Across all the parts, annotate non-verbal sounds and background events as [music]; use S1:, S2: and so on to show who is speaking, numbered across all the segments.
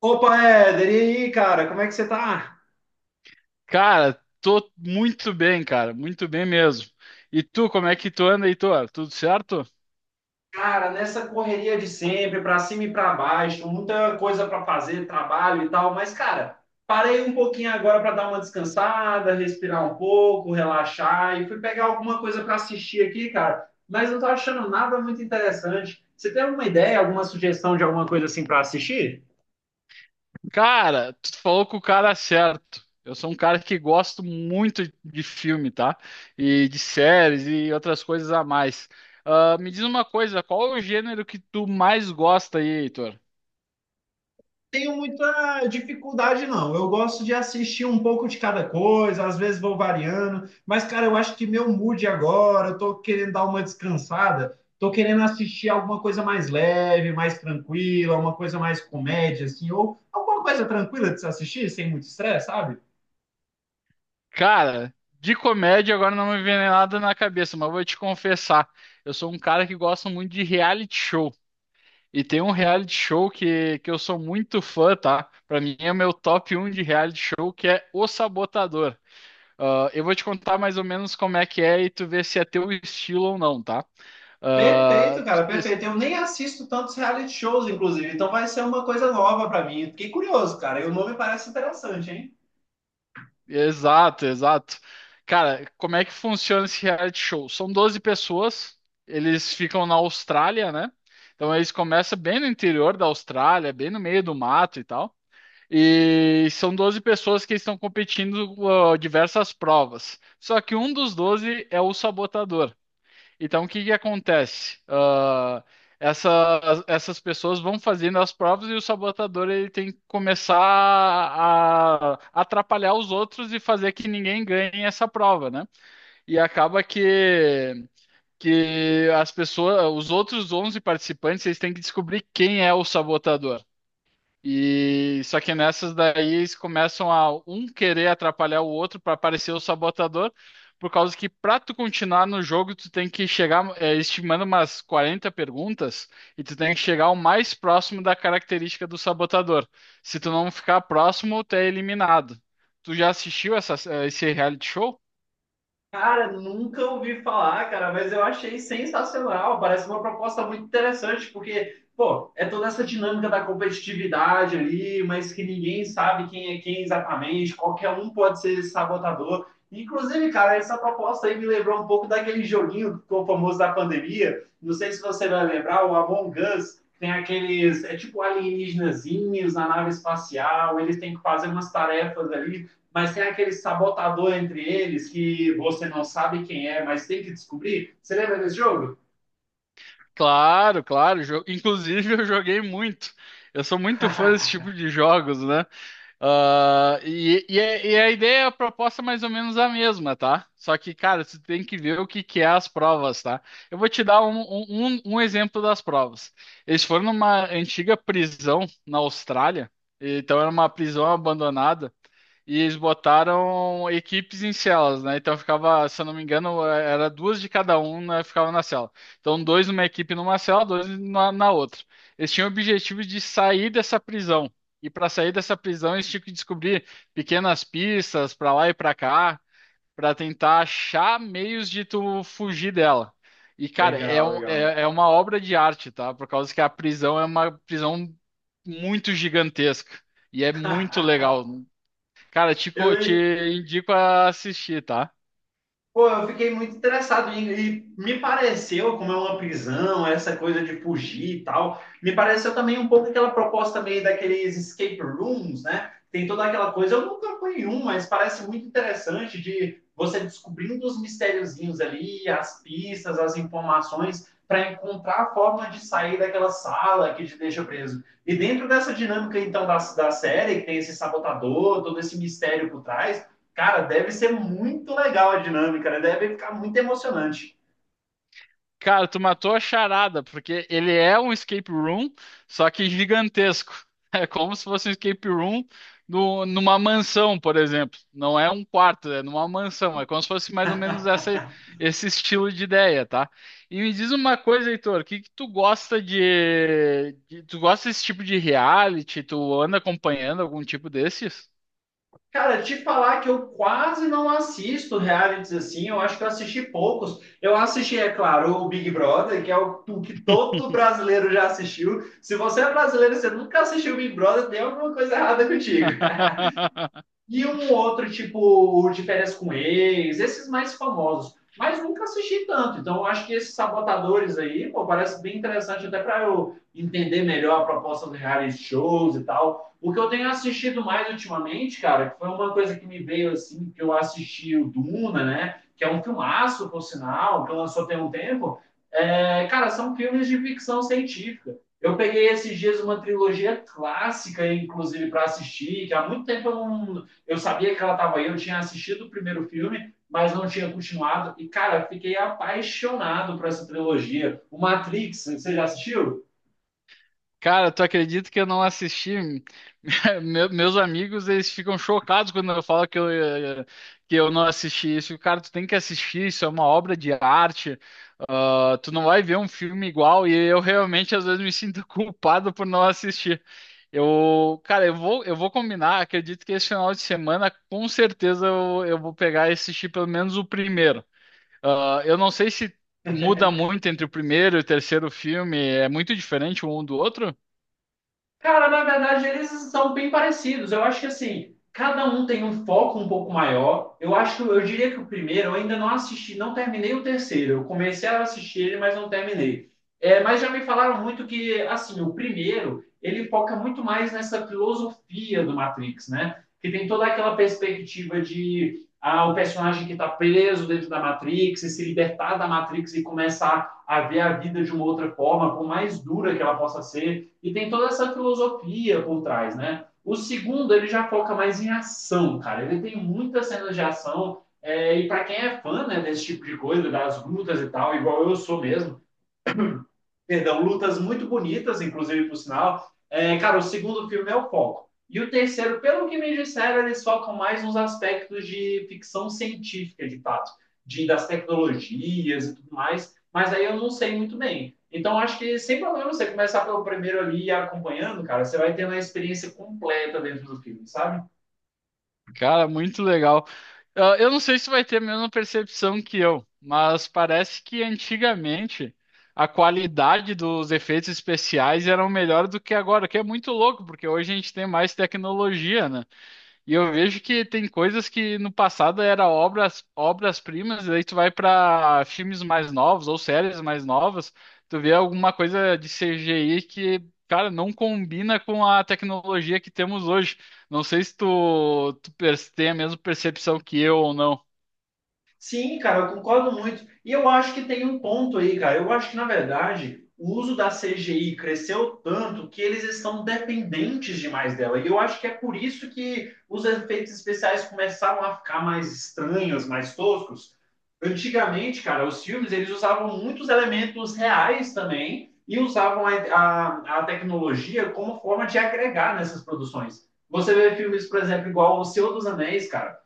S1: Opa, Éder, e aí, cara, como é que você tá?
S2: Cara, tô muito bem, cara, muito bem mesmo. E tu, como é que tu anda, Heitor? Tudo certo?
S1: Cara, nessa correria de sempre, pra cima e pra baixo, muita coisa pra fazer, trabalho e tal, mas, cara, parei um pouquinho agora pra dar uma descansada, respirar um pouco, relaxar e fui pegar alguma coisa pra assistir aqui, cara, mas não tô achando nada muito interessante. Você tem alguma ideia, alguma sugestão de alguma coisa assim pra assistir?
S2: Cara, tu falou com o cara certo. Eu sou um cara que gosto muito de filme, tá? E de séries e outras coisas a mais. Ah, me diz uma coisa, qual é o gênero que tu mais gosta aí, Heitor?
S1: Tenho muita dificuldade, não. Eu gosto de assistir um pouco de cada coisa, às vezes vou variando, mas, cara, eu acho que meu mood agora, eu tô querendo dar uma descansada, tô querendo assistir alguma coisa mais leve, mais tranquila, uma coisa mais comédia, assim, ou alguma coisa tranquila de se assistir, sem muito estresse, sabe?
S2: Cara, de comédia agora não me vem nada na cabeça, mas vou te confessar, eu sou um cara que gosta muito de reality show. E tem um reality show que eu sou muito fã, tá? Pra mim é o meu top um de reality show, que é O Sabotador. Ah, eu vou te contar mais ou menos como é que é e tu vê se é teu estilo ou não, tá? Ah,
S1: Perfeito, cara,
S2: es-
S1: perfeito. Eu nem assisto tantos reality shows, inclusive, então vai ser uma coisa nova pra mim. Fiquei curioso, cara, e o nome parece interessante, hein?
S2: exato, exato. Cara, como é que funciona esse reality show? São 12 pessoas, eles ficam na Austrália, né? Então eles começam bem no interior da Austrália, bem no meio do mato e tal. E são 12 pessoas que estão competindo diversas provas. Só que um dos 12 é o sabotador. Então, o que que acontece? Essas pessoas vão fazendo as provas e o sabotador ele tem que começar a atrapalhar os outros e fazer que ninguém ganhe essa prova, né? E acaba que as pessoas, os outros 11 participantes, eles têm que descobrir quem é o sabotador. E só que nessas daí eles começam a um querer atrapalhar o outro para parecer o sabotador, por causa que para tu continuar no jogo, tu tem que eles te mandam umas 40 perguntas e tu tem que chegar o mais próximo da característica do sabotador. Se tu não ficar próximo, tu é eliminado. Tu já assistiu esse reality show?
S1: Cara, nunca ouvi falar, cara, mas eu achei sensacional. Parece uma proposta muito interessante, porque, pô, é toda essa dinâmica da competitividade ali, mas que ninguém sabe quem é quem exatamente, qualquer um pode ser sabotador. Inclusive, cara, essa proposta aí me lembrou um pouco daquele joguinho que ficou famoso da pandemia. Não sei se você vai lembrar, o Among Us. Tem aqueles, é tipo alienígenazinhos na nave espacial, eles têm que fazer umas tarefas ali, mas tem aquele sabotador entre eles que você não sabe quem é, mas tem que descobrir. Você lembra desse jogo?
S2: Claro, claro. Inclusive, eu joguei muito. Eu sou muito fã desse tipo
S1: [laughs]
S2: de jogos, né? E a ideia, é a proposta é mais ou menos a mesma, tá? Só que, cara, você tem que ver o que que é as provas, tá? Eu vou te dar um exemplo das provas. Eles foram numa antiga prisão na Austrália, então era uma prisão abandonada, e eles botaram equipes em celas, né? Então ficava, se eu não me era duas de cada um, né? Ficava na cela. Então, dois numa equipe numa cela, dois na outra. Eles tinham o objetivo de sair dessa prisão. E para sair dessa prisão, eles tinham que descobrir pequenas pistas para lá e para cá, para tentar achar meios de tu fugir dela. E, cara, é,
S1: legal,
S2: um-
S1: legal.
S2: é, é uma obra de arte, tá? Por causa que a prisão é uma prisão muito gigantesca. E é muito legal.
S1: [laughs]
S2: Cara,
S1: eu,
S2: te indico a assistir, tá?
S1: pô, eu fiquei muito interessado em, e me pareceu, como é uma prisão, essa coisa de fugir e tal, me pareceu também um pouco aquela proposta meio daqueles escape rooms, né? Tem toda aquela coisa, eu nunca fui em um, mas parece muito interessante de você descobrindo os mistériozinhos ali, as pistas, as informações, para encontrar a forma de sair daquela sala que te deixa preso. E dentro dessa dinâmica, então, da série, que tem esse sabotador, todo esse mistério por trás, cara, deve ser muito legal a dinâmica, né? Deve ficar muito emocionante.
S2: Cara, tu matou a charada, porque ele é um escape room, só que gigantesco. [laughs] É como se fosse um escape room numa mansão, por exemplo. Não é um quarto, é numa mansão. É como se fosse mais ou menos essa, esse estilo de ideia, tá? E me diz uma coisa, Heitor, o que que tu gosta Tu gosta desse tipo de reality? Tu anda acompanhando algum tipo desses?
S1: Cara, te falar que eu quase não assisto realities assim, eu acho que eu assisti poucos. Eu assisti, é claro, o Big Brother, que é o que todo brasileiro já assistiu. Se você é brasileiro e você nunca assistiu o Big Brother, tem alguma coisa errada contigo.
S2: [laughs]
S1: E um outro, tipo, o de férias com ex, esses mais famosos. Mas nunca assisti tanto. Então, eu acho que esses sabotadores aí, pô, parece bem interessante até para eu entender melhor a proposta dos reality shows e tal. O que eu tenho assistido mais ultimamente, cara, que foi uma coisa que me veio assim, que eu assisti o Duna, né? Que é um filmaço, por sinal, que lançou tem um tempo. É, cara, são filmes de ficção científica. Eu peguei esses dias uma trilogia clássica, inclusive, para assistir, que há muito tempo eu não, eu sabia que ela estava aí, eu tinha assistido o primeiro filme, mas não tinha continuado. E, cara, fiquei apaixonado por essa trilogia. O Matrix, você já assistiu?
S2: Cara, tu acredita que eu não assisti? [laughs] Meus amigos, eles ficam chocados quando eu falo que que eu não assisti isso. Cara, tu tem que assistir, isso é uma obra de arte. Ah, tu não vai ver um filme igual e eu realmente às vezes me sinto [laughs] culpado por não assistir. Eu, cara, eu vou combinar, acredito que esse final de semana, com certeza eu vou pegar e assistir pelo menos o primeiro. Ah, eu não sei se muda muito entre o primeiro e o terceiro filme, é muito diferente um do outro?
S1: Cara, na verdade, eles são bem parecidos. Eu acho que assim, cada um tem um foco um pouco maior. Eu acho, eu diria que o primeiro eu ainda não assisti, não terminei o terceiro. Eu comecei a assistir ele, mas não terminei. É, mas já me falaram muito que assim, o primeiro, ele foca muito mais nessa filosofia do Matrix, né? Que tem toda aquela perspectiva de ah, o personagem que está preso dentro da Matrix e se libertar da Matrix e começar a ver a vida de uma outra forma, por mais dura que ela possa ser, e tem toda essa filosofia por trás, né? O segundo, ele já foca mais em ação, cara. Ele tem muitas cenas de ação. É, e para quem é fã, né, desse tipo de coisa, das lutas e tal, igual eu sou mesmo, perdão, lutas muito bonitas, inclusive, por sinal. É, cara, o segundo filme é o foco. E o terceiro, pelo que me disseram, eles focam mais nos aspectos de ficção científica, de fato, de, das tecnologias e tudo mais, mas aí eu não sei muito bem. Então, acho que sem problema você começar pelo primeiro ali e acompanhando, cara, você vai ter uma experiência completa dentro do filme, sabe?
S2: Cara, muito legal. Ah, eu não sei se vai ter a mesma percepção que eu, mas parece que antigamente a qualidade dos efeitos especiais eram melhor do que agora, o que é muito louco, porque hoje a gente tem mais tecnologia, né? E eu vejo que tem coisas que no passado era obras, obras-primas, e aí tu vai para filmes mais novos ou séries mais novas, tu vê alguma coisa de CGI que, cara, não combina com a tecnologia que temos hoje. Não sei se tem a mesma percepção que eu ou não.
S1: Sim, cara, eu concordo muito. E eu acho que tem um ponto aí, cara. Eu acho que, na verdade, o uso da CGI cresceu tanto que eles estão dependentes demais dela. E eu acho que é por isso que os efeitos especiais começaram a ficar mais estranhos, mais toscos. Antigamente, cara, os filmes, eles usavam muitos elementos reais também e usavam a tecnologia como forma de agregar nessas produções. Você vê filmes, por exemplo, igual O Senhor dos Anéis, cara.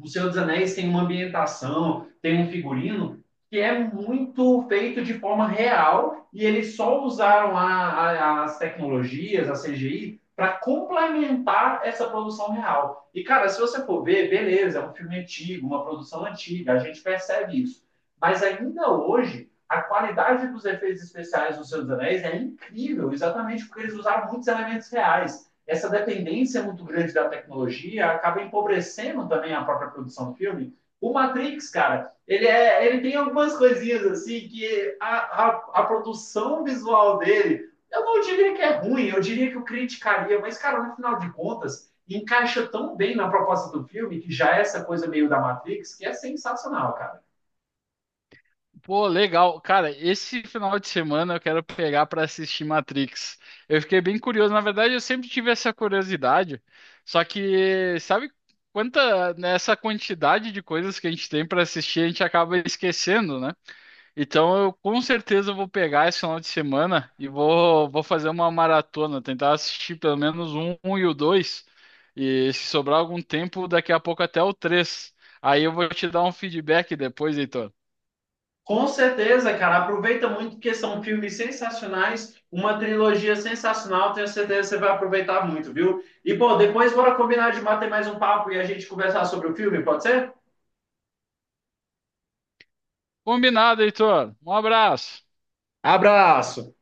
S1: O Senhor dos Anéis tem uma ambientação, tem um figurino que é muito feito de forma real e eles só usaram as tecnologias, a CGI, para complementar essa produção real. E, cara, se você for ver, beleza, é um filme antigo, uma produção antiga, a gente percebe isso. Mas ainda hoje, a qualidade dos efeitos especiais do Senhor dos Anéis é incrível, exatamente porque eles usaram muitos elementos reais. Essa dependência muito grande da tecnologia acaba empobrecendo também a própria produção do filme. O Matrix, cara, ele, é, ele tem algumas coisinhas assim que a, a produção visual dele, eu não diria que é ruim, eu diria que eu criticaria, mas, cara, no final de contas, encaixa tão bem na proposta do filme, que já é essa coisa meio da Matrix, que é sensacional, cara.
S2: Pô, legal. Cara, esse final de semana eu quero pegar pra assistir Matrix. Eu fiquei bem curioso. Na verdade, eu sempre tive essa curiosidade. Só que, sabe quanta nessa quantidade de coisas que a gente tem pra assistir, a gente acaba esquecendo, né? Então, eu com certeza vou pegar esse final de semana e vou fazer uma maratona, tentar assistir pelo menos um e o dois. E se sobrar algum tempo, daqui a pouco até o três. Aí eu vou te dar um feedback depois, Heitor.
S1: Com certeza, cara. Aproveita muito porque são filmes sensacionais, uma trilogia sensacional. Tenho certeza que você vai aproveitar muito, viu? E, pô, depois bora combinar de bater mais um papo e a gente conversar sobre o filme, pode ser?
S2: Combinado, Heitor. Um abraço.
S1: Abraço!